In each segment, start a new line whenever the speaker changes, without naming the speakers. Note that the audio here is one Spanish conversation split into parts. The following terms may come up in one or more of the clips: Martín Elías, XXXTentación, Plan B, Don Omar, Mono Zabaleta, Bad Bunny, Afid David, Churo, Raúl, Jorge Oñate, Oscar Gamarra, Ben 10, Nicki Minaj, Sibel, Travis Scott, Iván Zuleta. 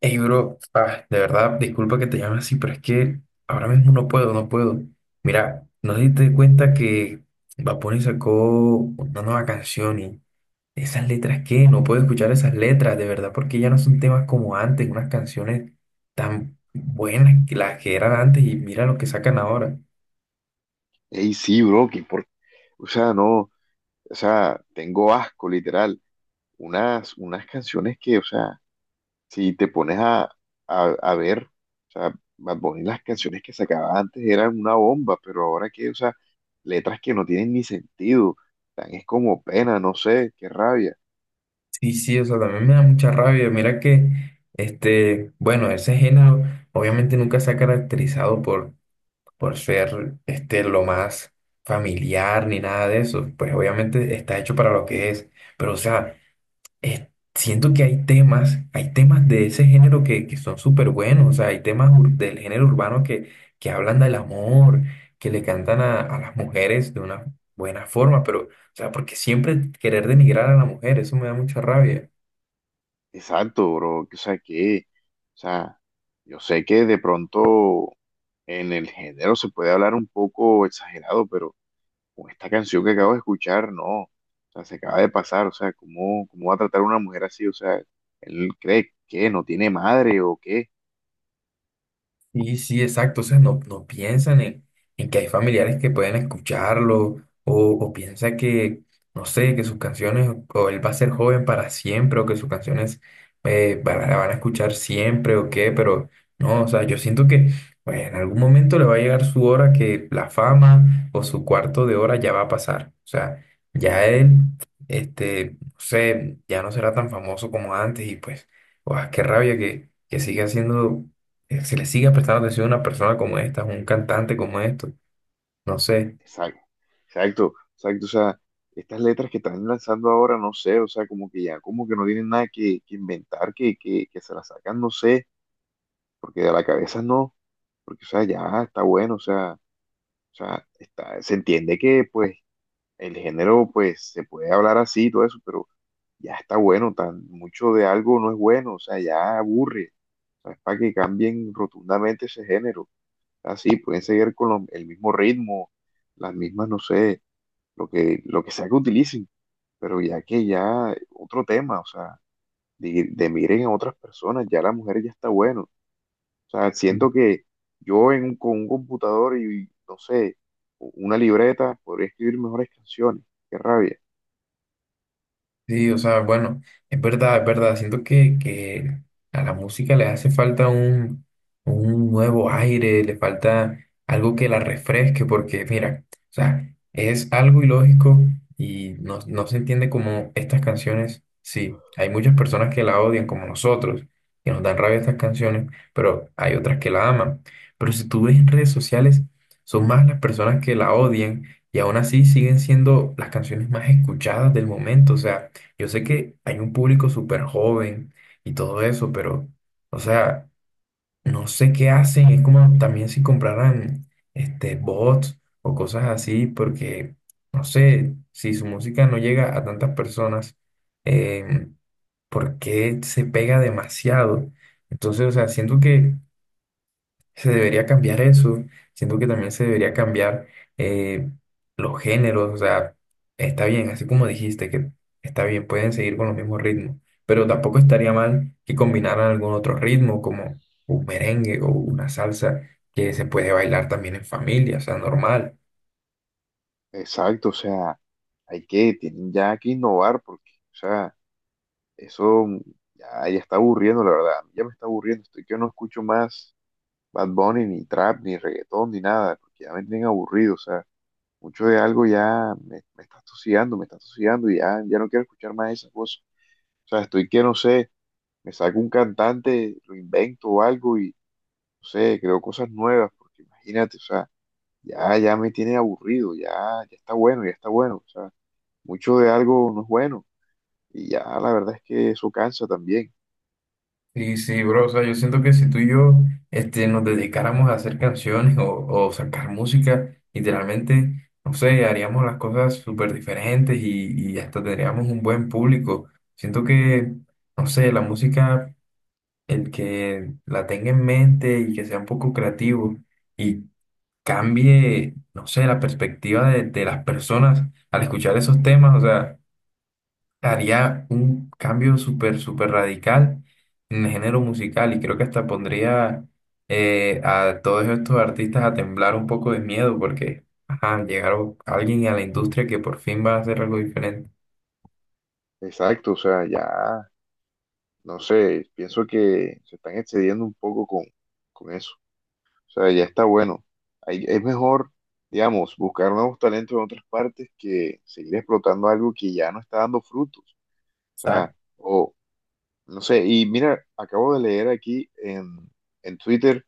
Ey, bro, ah, de verdad, disculpa que te llame así, pero es que ahora mismo no puedo, no puedo. Mira, no te diste cuenta que Bad Bunny sacó una nueva canción y esas letras, ¿qué? No puedo escuchar esas letras, de verdad, porque ya no son temas como antes, unas canciones tan buenas que las que eran antes y mira lo que sacan ahora.
Ey, sí, bro, que por, o sea, no, o sea, tengo asco, literal. Unas canciones que, o sea, si te pones a ver, o sea, Bad Bunny, las canciones que sacaba antes eran una bomba, pero ahora que, o sea, letras que no tienen ni sentido, tan es como pena, no sé, qué rabia.
Sí, sí, o sea, también me da mucha rabia. Mira que, bueno, ese género obviamente nunca se ha caracterizado por ser este, lo más familiar ni nada de eso. Pues obviamente está hecho para lo que es. Pero o sea, eh, siento que hay temas de ese género que son súper buenos. O sea, hay temas del género urbano que hablan del amor, que le cantan a las mujeres de una buena forma. Pero, o sea, porque siempre querer denigrar a la mujer, eso me da mucha rabia.
Exacto, bro, o sea, yo sé que de pronto en el género se puede hablar un poco exagerado, pero con esta canción que acabo de escuchar, no, o sea, se acaba de pasar, o sea, ¿cómo, cómo va a tratar a una mujer así? O sea, él cree que no tiene madre o qué.
Sí, sí, exacto. O sea, no, no piensan en que hay familiares que pueden escucharlo o piensa que, no sé, que sus canciones o él va a ser joven para siempre o que sus canciones van, la van a escuchar siempre o qué, pero no, o sea, yo siento que pues, en algún momento le va a llegar su hora que la fama o su cuarto de hora ya va a pasar. O sea, ya él, no sé, ya no será tan famoso como antes y pues, guau, qué rabia que siga siendo se le siga prestando atención a una persona como esta, a un cantante como esto. No sé.
Exacto, exacto, exacto, o sea, estas letras que están lanzando ahora, no sé, o sea, como que ya, como que no tienen nada que inventar, que se las sacan, no sé, porque de la cabeza no, porque, o sea, ya está bueno, o sea, está, se entiende que, pues, el género, pues, se puede hablar así y todo eso, pero ya está bueno, tan mucho de algo no es bueno, o sea, ya aburre. O sea, es para que cambien rotundamente ese género. Así, pueden seguir con el mismo ritmo, las mismas, no sé, lo que sea que utilicen, pero ya que ya otro tema, o sea, de miren a otras personas, ya la mujer ya está bueno. O sea, siento que yo con un computador y, no sé, una libreta podría escribir mejores canciones. Qué rabia.
Sí, o sea, bueno, es verdad, es verdad. Siento que a la música le hace falta un nuevo aire, le falta algo que la refresque, porque mira, o sea, es algo ilógico y no, no se entiende como estas canciones. Sí, hay muchas personas que la odian, como nosotros, que nos dan rabia estas canciones, pero hay otras que la aman. Pero si tú ves en redes sociales, son más las personas que la odian y aún así siguen siendo las canciones más escuchadas del momento, o sea. Yo sé que hay un público súper joven y todo eso, pero, o sea, no sé qué hacen. Es como también si compraran este, bots o cosas así, porque, no sé, si su música no llega a tantas personas, eh, ¿por qué se pega demasiado? Entonces, o sea, siento que se debería cambiar eso. Siento que también se debería cambiar eh, los géneros. O sea, está bien, así como dijiste, que está bien, pueden seguir con los mismos ritmos. Pero tampoco estaría mal que combinaran algún otro ritmo, como un merengue o una salsa, que se puede bailar también en familia, o sea, normal.
Exacto, o sea, hay que, tienen ya que innovar porque, o sea, eso ya está aburriendo, la verdad, ya me está aburriendo, estoy que no escucho más Bad Bunny, ni trap, ni reggaetón, ni nada, porque ya me tienen aburrido, o sea, mucho de algo me está asociando y ya, ya no quiero escuchar más esas cosas, o sea, estoy que, no sé, me saco un cantante, lo invento o algo y, no sé, creo cosas nuevas, porque imagínate, o sea, ya me tiene aburrido, ya, ya está bueno, o sea, mucho de algo no es bueno. Y ya la verdad es que eso cansa también.
Sí, sí, bro, o sea, yo siento que si tú y yo este, nos dedicáramos a hacer canciones o sacar música, literalmente, no sé, haríamos las cosas súper diferentes y hasta tendríamos un buen público. Siento que, no sé, la música, el que la tenga en mente y que sea un poco creativo y cambie, no sé, la perspectiva de las personas al escuchar esos temas, o sea haría un cambio súper, súper radical en el género musical y creo que hasta pondría a todos estos artistas a temblar un poco de miedo porque, ajá, llegaron alguien a la industria que por fin va a hacer algo diferente.
Exacto, o sea, ya, no sé, pienso que se están excediendo un poco con eso. O sea, ya está bueno. Ahí es mejor, digamos, buscar nuevos talentos en otras partes que seguir explotando algo que ya no está dando frutos. O sea,
Exacto.
o no sé, y mira, acabo de leer aquí en Twitter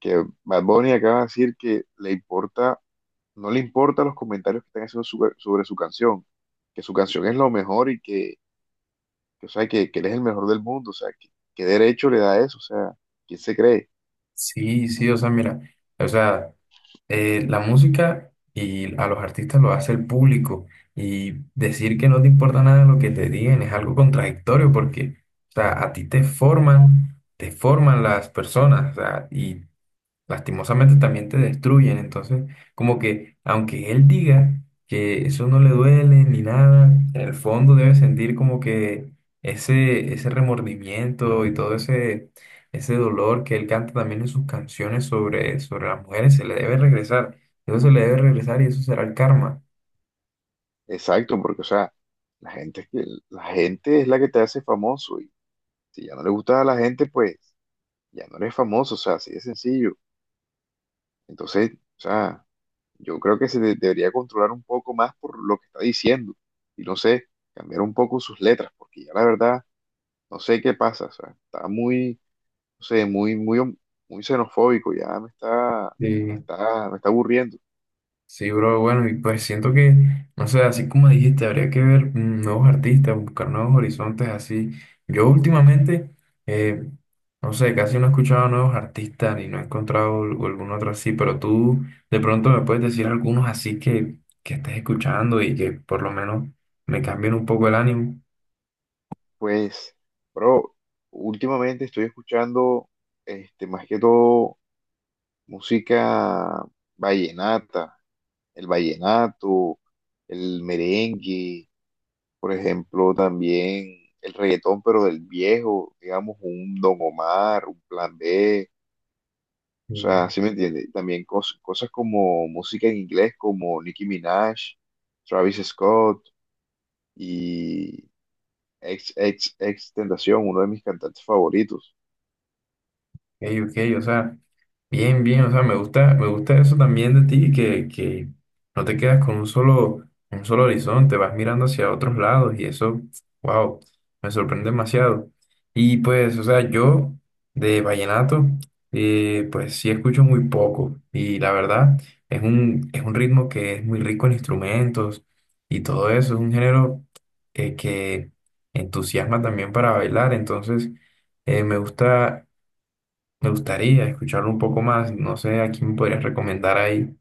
que Bad Bunny acaba de decir que le importa no le importan los comentarios que están haciendo sobre su canción, que su canción es lo mejor y que, o sea, que él es el mejor del mundo, o sea, que, ¿qué derecho le da eso? O sea, ¿quién se cree?
Sí, sí, o sea, mira, o sea, la música y a los artistas lo hace el público y decir que no te importa nada lo que te digan es algo contradictorio porque, o sea, a ti te forman las personas, o sea, y lastimosamente también te destruyen. Entonces, como que aunque él diga que eso no le duele ni nada, en el fondo debe sentir como que ese remordimiento y todo ese, ese dolor que él canta también en sus canciones sobre las mujeres, se le debe regresar. Eso se le debe regresar y eso será el karma.
Exacto, porque, o sea, la gente, es que- la gente es la que te hace famoso y si ya no le gusta a la gente, pues ya no eres famoso, o sea, así de sencillo. Entonces, o sea, yo creo que debería controlar un poco más por lo que está diciendo y no sé, cambiar un poco sus letras, porque ya la verdad, no sé qué pasa, o sea, está muy no sé, muy xenofóbico, ya me está,
Sí.
me está aburriendo.
Sí, bro, bueno, y pues siento que, no sé, así como dijiste, habría que ver nuevos artistas, buscar nuevos horizontes, así. Yo últimamente, eh, no sé, casi no he escuchado nuevos artistas ni no he encontrado algún otro así, pero tú de pronto me puedes decir algunos así que estés escuchando y que por lo menos me cambien un poco el ánimo.
Pues, bro, últimamente estoy escuchando, este, más que todo, música vallenata, el vallenato, el merengue, por ejemplo, también el reggaetón, pero del viejo, digamos, un Don Omar, un Plan B. O
Mm,
sea, ¿sí me entiende? También cosas como música en inglés, como Nicki Minaj, Travis Scott, y ex Tentación, uno de mis cantantes favoritos.
ok, ok, o sea. Bien, bien, o sea, me gusta eso también de ti, que no te quedas con un solo horizonte, vas mirando hacia otros lados y eso, wow, me sorprende demasiado. Y pues, o sea, yo de vallenato, pues sí escucho muy poco y la verdad es un ritmo que es muy rico en instrumentos y todo eso, es un género que entusiasma también para bailar, entonces me gusta me gustaría escucharlo un poco más. No sé a quién me podrías recomendar ahí.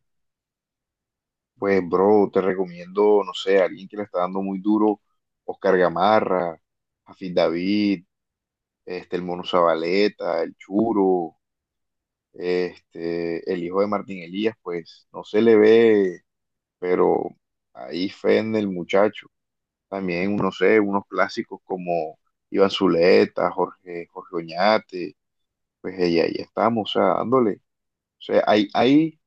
Pues, bro, te recomiendo, no sé, alguien que le está dando muy duro, Oscar Gamarra, Afid David, este, el Mono Zabaleta, el Churo, este, el hijo de Martín Elías, pues no se le ve, pero ahí fe en el muchacho. También, no sé, unos clásicos como Iván Zuleta, Jorge Oñate, pues ahí, ahí estamos, o sea, dándole. O sea, hay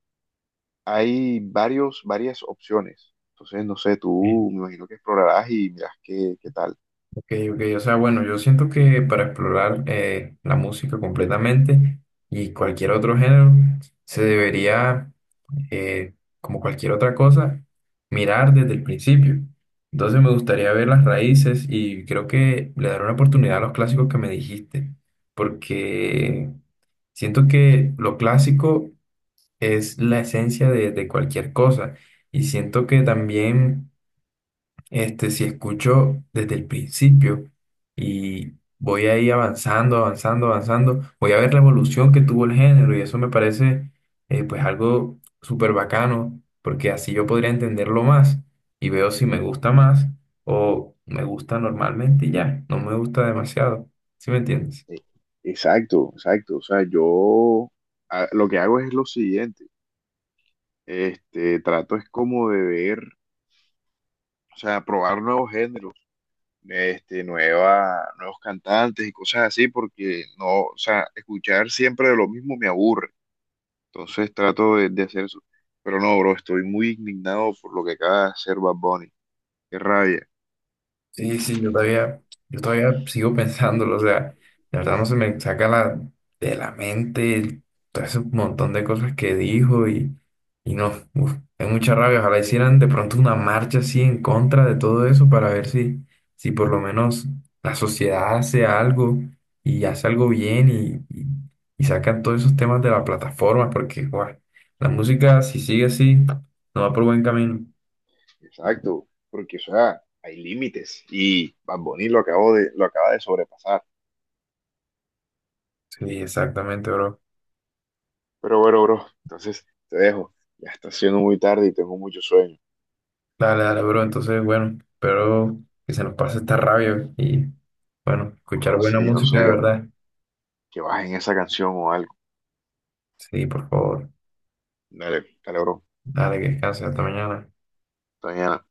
hay varios, varias opciones. Entonces, no sé,
Eh,
tú me imagino que explorarás y mirás qué, qué tal.
Ok, ok. O sea, bueno, yo siento que para explorar la música completamente y cualquier otro género, se debería, eh, como cualquier otra cosa, mirar desde el principio. Entonces me gustaría ver las raíces y creo que le daré una oportunidad a los clásicos que me dijiste, porque siento que lo clásico es la esencia de cualquier cosa. Y siento que también, este, si escucho desde el principio y voy ahí avanzando, avanzando, avanzando, voy a ver la evolución que tuvo el género y eso me parece, pues algo súper bacano, porque así yo podría entenderlo más y veo si me gusta más o me gusta normalmente y ya, no me gusta demasiado. ¿Sí me entiendes?
Eh, exacto, exacto. O sea, yo lo que hago es lo siguiente. Este, trato es como de ver, o sea, probar nuevos géneros, este, nuevos cantantes y cosas así, porque no, o sea, escuchar siempre de lo mismo me aburre. Entonces trato de hacer eso. Pero no, bro, estoy muy indignado por lo que acaba de hacer Bad Bunny. Qué rabia.
Sí, sí, yo todavía sigo pensándolo, o sea, la verdad no se me saca de la mente todo ese montón de cosas que dijo y no, uf, hay mucha rabia, ojalá hicieran de pronto una marcha así en contra de todo eso para ver si, si por lo menos la sociedad hace algo y hace algo bien y sacan todos esos temas de la plataforma, porque guau, la música si sigue así no va por buen camino.
Exacto, porque o sea, hay límites y Bad Bunny lo acabo de, lo acaba de sobrepasar.
Sí, exactamente, bro.
Pero bueno, bro, entonces te dejo. Ya está siendo muy tarde y tengo mucho sueño.
Dale, dale, bro. Entonces, bueno, espero que se nos pase esta rabia y, bueno, escuchar buena
Así, no
música de
sé,
verdad.
que bajen esa canción o algo.
Sí, por favor.
Dale, dale, bro.
Dale, que descanses hasta mañana.
Hasta mañana.